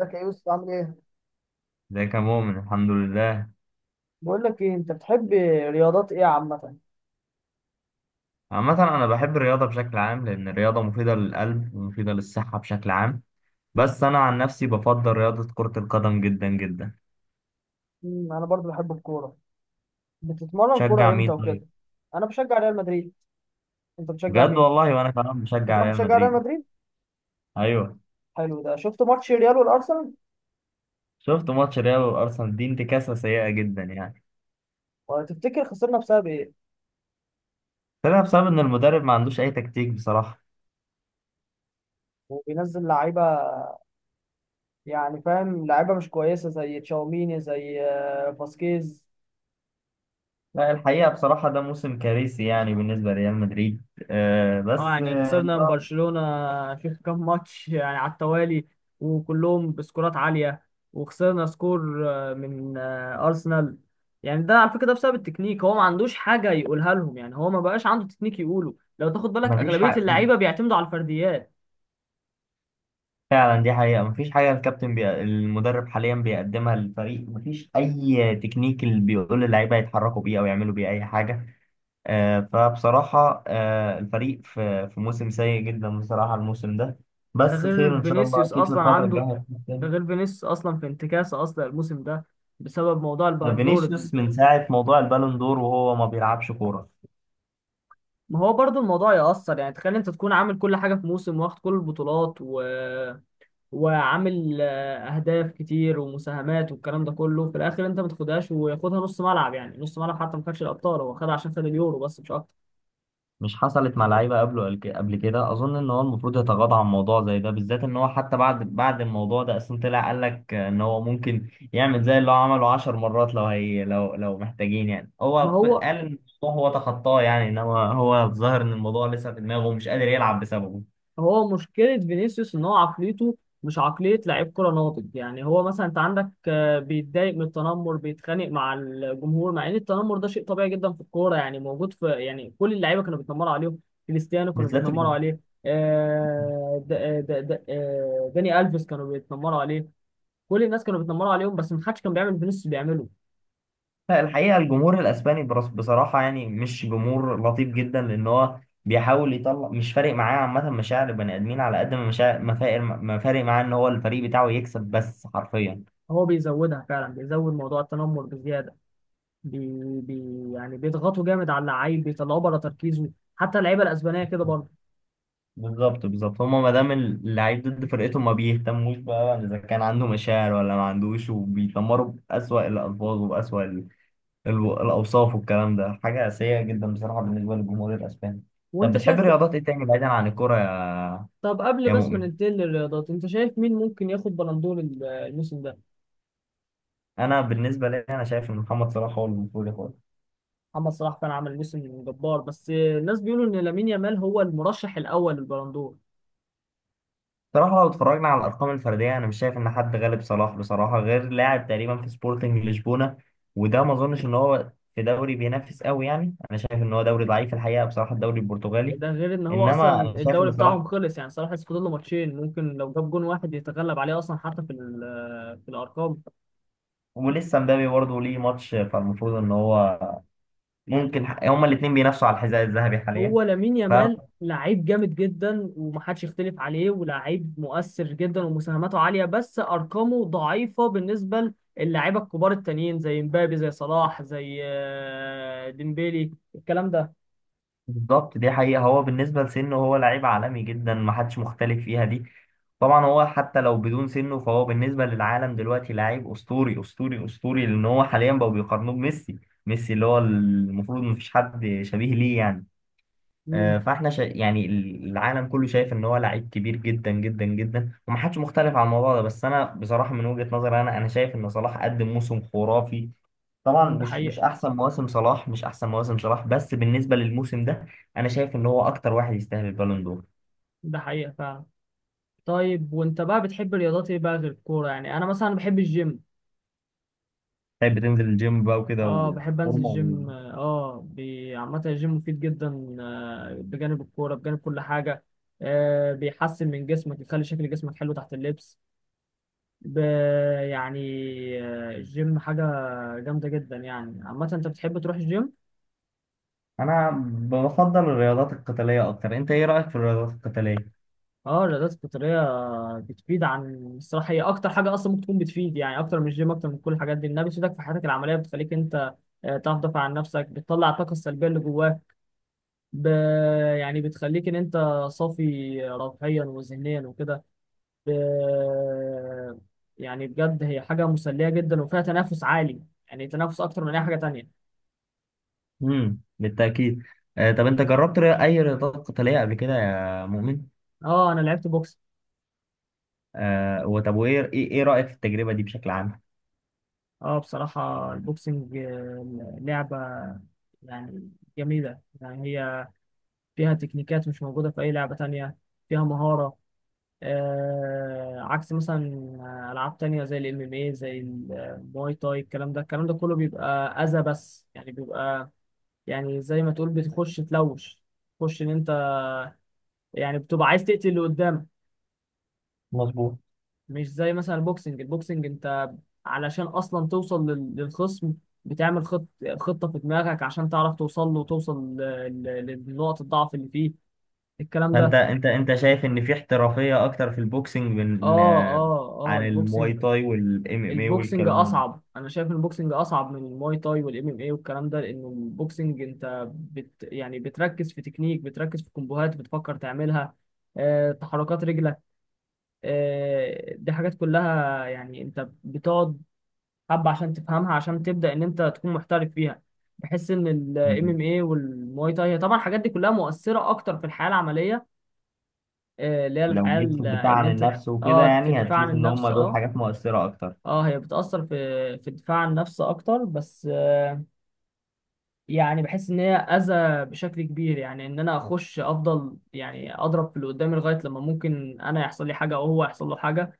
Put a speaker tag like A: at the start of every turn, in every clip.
A: ازيك يا يوسف عامل ايه؟
B: ازيك يا مؤمن، الحمد لله.
A: بقول لك ايه انت بتحب رياضات ايه عامة؟
B: عامة أنا بحب الرياضة بشكل عام، لأن الرياضة مفيدة للقلب ومفيدة للصحة بشكل عام. بس أنا عن نفسي بفضل رياضة كرة القدم جدا جدا.
A: انا برضو بحب الكورة. بتتمرن
B: شجع
A: كورة
B: مين
A: امتى وكده؟
B: طيب؟
A: انا بشجع ريال مدريد. انت بتشجع
B: بجد
A: مين؟
B: والله، وأنا كمان
A: انت
B: بشجع
A: كمان
B: ريال
A: بتشجع ريال
B: مدريد.
A: مدريد؟
B: أيوه.
A: حلو ده، شفت ماتش ريال والارسنال؟
B: شفت ماتش ريال وأرسنال، دي انتكاسة سيئة جدا يعني.
A: وتفتكر خسرنا بسبب ايه؟
B: طلع بسبب إن المدرب ما عندوش أي تكتيك بصراحة.
A: وبينزل لعيبة، يعني فاهم، لعيبة مش كويسة زي تشاوميني زي فاسكيز.
B: لا، الحقيقة بصراحة ده موسم كارثي يعني بالنسبة لريال مدريد. آه
A: اه
B: بس
A: يعني
B: آه،
A: خسرنا من برشلونة في كام ماتش يعني على التوالي، وكلهم بسكورات عالية، وخسرنا سكور من أرسنال. يعني ده على فكرة ده بسبب التكنيك، هو ما عندوش حاجة يقولها لهم، يعني هو ما بقاش عنده تكنيك يقوله. لو تاخد بالك
B: مفيش
A: أغلبية
B: حق.
A: اللعيبة بيعتمدوا على الفرديات.
B: فعلا دي حقيقة، مفيش حاجة الكابتن المدرب حاليا بيقدمها للفريق، مفيش أي تكنيك اللي بيقول اللعيبة يتحركوا بيه أو يعملوا بيه أي حاجة. فبصراحة الفريق في موسم سيء جدا بصراحة، الموسم ده.
A: ده
B: بس
A: غير
B: خير إن شاء الله،
A: فينيسيوس
B: أكيد في
A: أصلا
B: الفترة
A: عنده،
B: الجاية
A: ده
B: هتحسن.
A: غير فينيسيوس أصلا في انتكاسة أصلا الموسم ده بسبب موضوع البندور
B: فينيسيوس من ساعة موضوع البالون دور وهو ما بيلعبش كورة.
A: ما هو برضو الموضوع يأثر، يعني تخيل انت تكون عامل كل حاجة في موسم، واخد كل البطولات وعامل اهداف كتير ومساهمات والكلام ده كله، في الاخر انت ما تاخدهاش وياخدها نص ملعب، يعني نص ملعب حتى ما خدش الابطال، هو خدها عشان خد اليورو بس مش اكتر.
B: مش حصلت مع لعيبه قبله؟ قبل كده اظن ان هو المفروض يتغاضى عن موضوع زي ده، بالذات ان هو حتى بعد الموضوع ده اصلا طلع قال لك ان هو ممكن يعمل زي اللي هو عمله 10 مرات لو هي لو محتاجين، يعني
A: ما
B: هو قال
A: هو
B: ان الموضوع هو تخطاه يعني، انما هو الظاهر ان الموضوع لسه في دماغه ومش قادر يلعب بسببه.
A: هو مشكلة فينيسيوس ان هو عقليته مش عقلية لعيب كرة ناضج، يعني هو مثلا انت عندك، بيتضايق من التنمر، بيتخانق مع الجمهور، مع ان التنمر ده شيء طبيعي جدا في الكورة، يعني موجود، في يعني كل اللعيبة كانوا بيتنمروا عليهم. كريستيانو كانوا
B: بالذات
A: بيتنمروا
B: الجمهور.
A: عليه. داني ألفيس كانوا بيتنمروا عليه. كل الناس كانوا بيتنمروا عليهم، بس محدش كان بيعمل بنفس اللي فينيسيوس بيعمله.
B: لا الحقيقة، الجمهور الأسباني بصراحة يعني مش جمهور لطيف جدا، لأن هو بيحاول يطلع مش فارق معاه عامة مشاعر البني آدمين، على قد ما مشاعر، ما فارق معاه إن هو الفريق بتاعه يكسب بس حرفيا.
A: هو بيزودها فعلا، بيزود موضوع التنمر بزياده. بي بي يعني بيضغطوا جامد على اللعيب، بيطلعوه بره تركيزه. حتى اللعيبه الاسبانيه كده برضه.
B: بالظبط بالظبط، هما ما دام اللعيب ضد فرقتهم ما بيهتموش بقى إذا كان عنده مشاعر ولا ما عندوش، وبيتمروا بأسوأ الألفاظ وبأسوأ الأوصاف، والكلام ده حاجة سيئة جدا بصراحة بالنسبة للجمهور الأسباني. طب
A: وانت شايف،
B: بتحب رياضات إيه تاني بعيدا عن الكورة يا
A: طب قبل
B: يا
A: بس ما
B: مؤمن؟
A: ننتقل للرياضات، انت شايف مين ممكن ياخد بلندور الموسم ده؟
B: انا بالنسبه لي انا شايف ان محمد صلاح هو اللي المفروض ياخدها.
A: محمد صلاح كان عمل موسم جبار، بس الناس بيقولوا ان لامين يامال هو المرشح الاول للبلندور.
B: صراحه لو اتفرجنا على الارقام الفرديه انا مش شايف ان حد غالب صلاح بصراحه، غير لاعب تقريبا في سبورتنج لشبونه، وده ما اظنش ان هو في دوري بينافس قوي يعني. انا شايف ان هو دوري ضعيف الحقيقه بصراحه، الدوري البرتغالي.
A: ده غير ان هو اصلا
B: انما انا شايف
A: الدوري
B: ان صلاح
A: بتاعهم خلص، يعني صلاح لسه فاضل له ماتشين، ممكن لو جاب جون واحد يتغلب عليه اصلا حتى في في الارقام.
B: ولسه مبابي برضه ليه ماتش، فالمفروض ان هو ممكن هما الاثنين بينافسوا على الحذاء الذهبي حاليا.
A: هو لامين
B: ف-
A: يامال لعيب جامد جدا ومحدش يختلف عليه، ولاعيب مؤثر جدا ومساهماته عالية، بس أرقامه ضعيفة بالنسبة للاعيبة الكبار التانيين زي مبابي زي صلاح زي ديمبيلي الكلام ده.
B: بالظبط دي حقيقة، هو بالنسبة لسنه هو لعيب عالمي جدا محدش مختلف فيها دي. طبعا هو حتى لو بدون سنه فهو بالنسبة للعالم دلوقتي لعيب أسطوري أسطوري أسطوري، لأن هو حاليا بقوا بيقارنوه بميسي. ميسي اللي هو المفروض مفيش حد شبيه ليه يعني.
A: امم.
B: يعني العالم كله شايف ان هو لعيب كبير جدا جدا جدا ومحدش مختلف على الموضوع ده. بس انا بصراحة من وجهة نظري، انا شايف ان صلاح قدم موسم خرافي. طبعا
A: ده
B: مش
A: حقيقة.
B: مش احسن مواسم صلاح، بس بالنسبه للموسم ده انا شايف ان هو اكتر واحد يستاهل البالون دور.
A: ده حقيقة فعلا. طيب وانت بقى بتحب الرياضات ايه بقى غير الكورة؟ يعني انا مثلا بحب الجيم.
B: طيب بتنزل الجيم بقى وكده
A: اه بحب انزل
B: وفورمه و...
A: الجيم، عامة الجيم مفيد جدا، بجانب الكورة بجانب كل حاجة. آه بيحسن من جسمك، يخلي شكل جسمك حلو تحت اللبس. ب- يعني الجيم حاجة جامدة جدا. يعني عامة انت بتحب تروح الجيم؟
B: انا بفضل الرياضات القتاليه اكتر. انت ايه رايك في الرياضات القتاليه؟
A: اه الرياضات القتالية بتفيد عن الصراحة، هي أكتر حاجة أصلا ممكن تكون بتفيد، يعني أكتر من الجيم أكتر من كل الحاجات دي، إنها بتفيدك في حياتك العملية، بتخليك أنت تعرف تدافع عن نفسك، بتطلع الطاقة السلبية اللي جواك. ب... يعني بتخليك ان انت صافي روحيا وذهنيا وكده. ب... يعني بجد هي حاجه مسليه جدا وفيها تنافس عالي، يعني تنافس اكتر من اي حاجه تانية.
B: امم، بالتاكيد. آه طب انت جربت اي رياضات قتاليه قبل كده يا مؤمن؟
A: اه انا لعبت بوكس.
B: آه وطب، وايه ايه إيه رايك في التجربه دي بشكل عام؟
A: اه بصراحه البوكسنج لعبه يعني جميله، يعني هي فيها تكنيكات مش موجوده في اي لعبه تانية، فيها مهاره. آه عكس مثلا العاب تانية زي الام ام اي زي المواي تاي، الكلام ده كله بيبقى اذى، بس يعني بيبقى يعني زي ما تقول بتخش تلوش، تخش ان انت يعني بتبقى عايز تقتل اللي قدامك.
B: مظبوط.
A: مش زي مثلا البوكسنج، انت علشان اصلا توصل للخصم، بتعمل خط خطة في دماغك عشان تعرف توصل له، وتوصل لنقط الضعف اللي فيه، الكلام
B: فانت
A: ده.
B: انت انت شايف ان في احترافيه اكتر في البوكسنج من
A: اه
B: آه،
A: اه اه
B: عن المواي
A: البوكسنج،
B: تاي والام ام اي
A: البوكسنج
B: والكلام.
A: اصعب. انا شايف ان البوكسنج اصعب من الماي تاي والام ام اي والكلام ده، لانه البوكسنج انت يعني بتركز في تكنيك، بتركز في كومبوهات بتفكر تعملها، تحركات رجل، دي حاجات كلها يعني انت بتقعد حبة عشان تفهمها، عشان تبدأ ان انت تكون محترف فيها. بحس ان الام
B: مم.
A: ام اي والمواي تاي هي طبعا الحاجات دي كلها مؤثرة اكتر في الحياة العملية، اللي هي
B: لو
A: الحياة
B: جيت في الدفاع
A: اللي
B: عن
A: انت.
B: النفس وكده
A: اه في
B: يعني
A: الدفاع عن
B: هتشوف ان هم
A: النفس،
B: دول
A: اه
B: حاجات مؤثرة اكتر.
A: اه هي بتأثر في في الدفاع عن النفس اكتر، بس يعني بحس ان هي اذى بشكل كبير، يعني ان انا اخش افضل، يعني اضرب في اللي قدامي لغاية لما ممكن انا يحصل لي حاجة او هو يحصل له حاجة.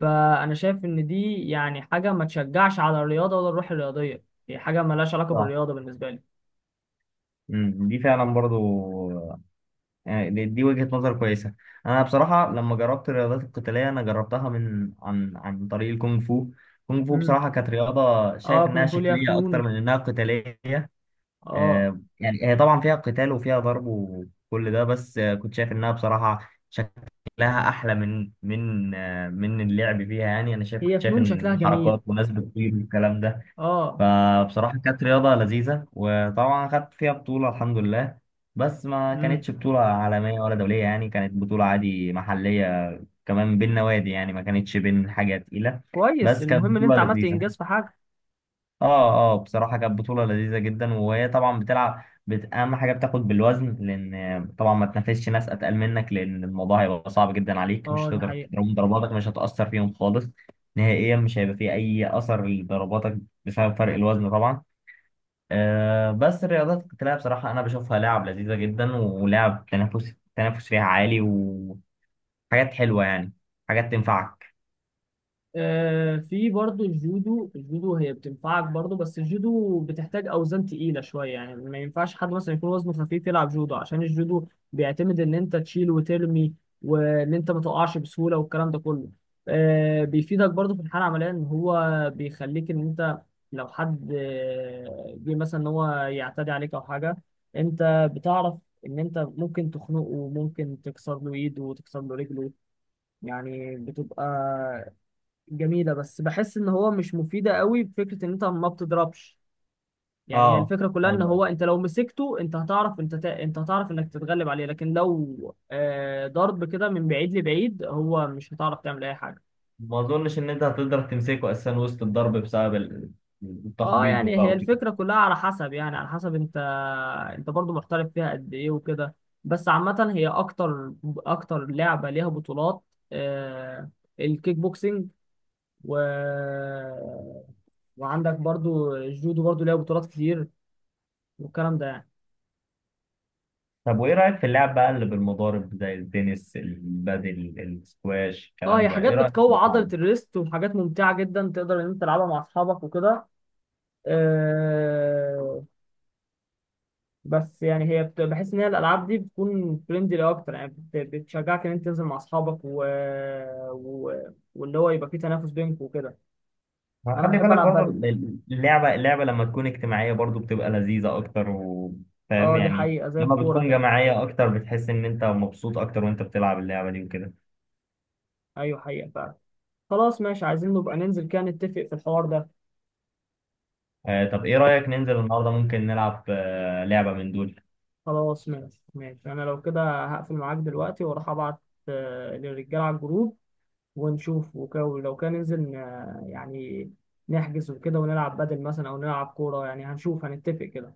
A: فانا شايف ان دي يعني حاجه ما تشجعش على الرياضه، ولا الروح الرياضيه هي حاجه مالهاش علاقه
B: صح.
A: بالرياضه بالنسبه لي.
B: مم. دي فعلا برضو يعني، دي وجهة نظر كويسة. انا بصراحة لما جربت الرياضات القتالية انا جربتها من عن طريق الكونغ فو. الكونغ فو
A: امم.
B: بصراحة كانت رياضة
A: اه
B: شايف انها
A: كونغ فو ليها
B: شكلية
A: فنون،
B: اكتر من انها قتالية.
A: اه
B: آه يعني هي طبعا فيها قتال وفيها ضرب وكل ده، بس آه كنت شايف انها بصراحة لها احلى من اللعب فيها يعني. انا شايف
A: هي
B: كنت شايف
A: فنون شكلها
B: ان
A: جميل،
B: حركات وناس بتطير والكلام ده.
A: اه.
B: فبصراحه كانت رياضه لذيذه، وطبعا خدت فيها بطوله الحمد لله. بس ما
A: امم
B: كانتش بطوله عالميه ولا دوليه يعني، كانت بطوله عادي محليه. كمان بين نوادي، يعني ما كانتش بين حاجه تقيله.
A: كويس،
B: بس كانت
A: المهم ان
B: بطوله
A: انت عملت
B: لذيذه.
A: انجاز في حاجه.
B: اه اه بصراحة كانت بطولة لذيذة جدا، وهي طبعا بتلعب أهم حاجة بتاخد بالوزن، لأن طبعا ما تنافسش ناس أتقل منك، لأن الموضوع هيبقى صعب جدا عليك، مش
A: اه ده
B: هتقدر
A: حقيقة.
B: تضربهم، ضرباتك مش هتأثر فيهم خالص، نهائيا مش هيبقى فيه أي أثر لضرباتك بسبب فرق الوزن طبعا. آه بس الرياضات القتالية بصراحة أنا بشوفها لعب لذيذة جدا، ولعب تنافس فيها عالي، وحاجات حلوة يعني، حاجات تنفعك.
A: في برضه الجودو، الجودو هي بتنفعك برضه، بس الجودو بتحتاج اوزان تقيله شويه، يعني ما ينفعش حد مثلا يكون وزنه خفيف يلعب جودو، عشان الجودو بيعتمد ان انت تشيل وترمي، وان انت ما تقعش بسهوله والكلام ده كله. بيفيدك برضه في الحاله العمليه، ان هو بيخليك ان انت لو حد جه مثلا ان هو يعتدي عليك او حاجه، انت بتعرف ان انت ممكن تخنقه وممكن تكسر له ايده وتكسر له رجله. يعني بتبقى جميلة، بس بحس ان هو مش مفيدة قوي، بفكرة ان انت ما بتضربش. يعني هي
B: اه
A: الفكرة كلها ان
B: ايوه.
A: هو انت لو مسكته انت هتعرف انت هتعرف انك تتغلب عليه، لكن لو آه ضرب كده من بعيد لبعيد هو مش هتعرف تعمل اي حاجة.
B: ما اظنش ان انت هتقدر تمسكه اساسا وسط الضرب بسبب
A: اه
B: التخبيط
A: يعني
B: بقى
A: هي
B: وكده.
A: الفكرة كلها على حسب، يعني على حسب انت انت برضو محترف فيها قد ايه وكده. بس عامة هي اكتر لعبة ليها بطولات، آه الكيك بوكسينج، و وعندك برضو الجودو برضو ليها بطولات كتير والكلام ده يعني.
B: طب وايه رايك في اللعب بقى اللي بالمضارب زي التنس البادل السكواش
A: اه هي
B: الكلام ده،
A: حاجات
B: ايه رايك في
A: بتقوي عضلة
B: اللعب؟
A: الريست، وحاجات ممتعة جدا تقدر ان انت تلعبها مع اصحابك وكده. آه بس يعني هي بحس ان هي الالعاب دي بتكون فريندلي اكتر، يعني بتشجعك ان انت تنزل مع اصحابك و... واللي هو يبقى فيه تنافس بينكم وكده.
B: ما
A: انا
B: خلي
A: بحب
B: بالك
A: العب
B: برضو
A: بدل.
B: اللعبه لما تكون اجتماعيه برضو بتبقى لذيذه اكتر وفاهم
A: اه دي
B: يعني.
A: حقيقة زي
B: لما
A: الكورة
B: بتكون
A: كده.
B: جماعيه اكتر بتحس ان انت مبسوط اكتر وانت بتلعب اللعبه دي وكده.
A: ايوه حقيقة فعلا. خلاص ماشي، عايزين نبقى ننزل كده، نتفق في الحوار ده.
B: آه طب ايه رايك ننزل النهارده ممكن نلعب آه لعبه من دول؟
A: خلاص ماشي ماشي، انا لو كده هقفل معاك دلوقتي واروح ابعت للرجالة على الجروب، ونشوف وك- ولو كان ننزل ن- يعني نحجز وكده ونلعب بدل مثلا او نلعب كورة، يعني هنشوف هنتفق كده.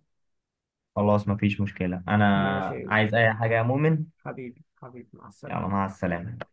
B: خلاص مفيش مشكله،
A: ماشي يا
B: انا
A: يوسف،
B: عايز اي حاجه يا مؤمن.
A: حبيبي مع
B: يلا،
A: السلامة.
B: مع السلامة.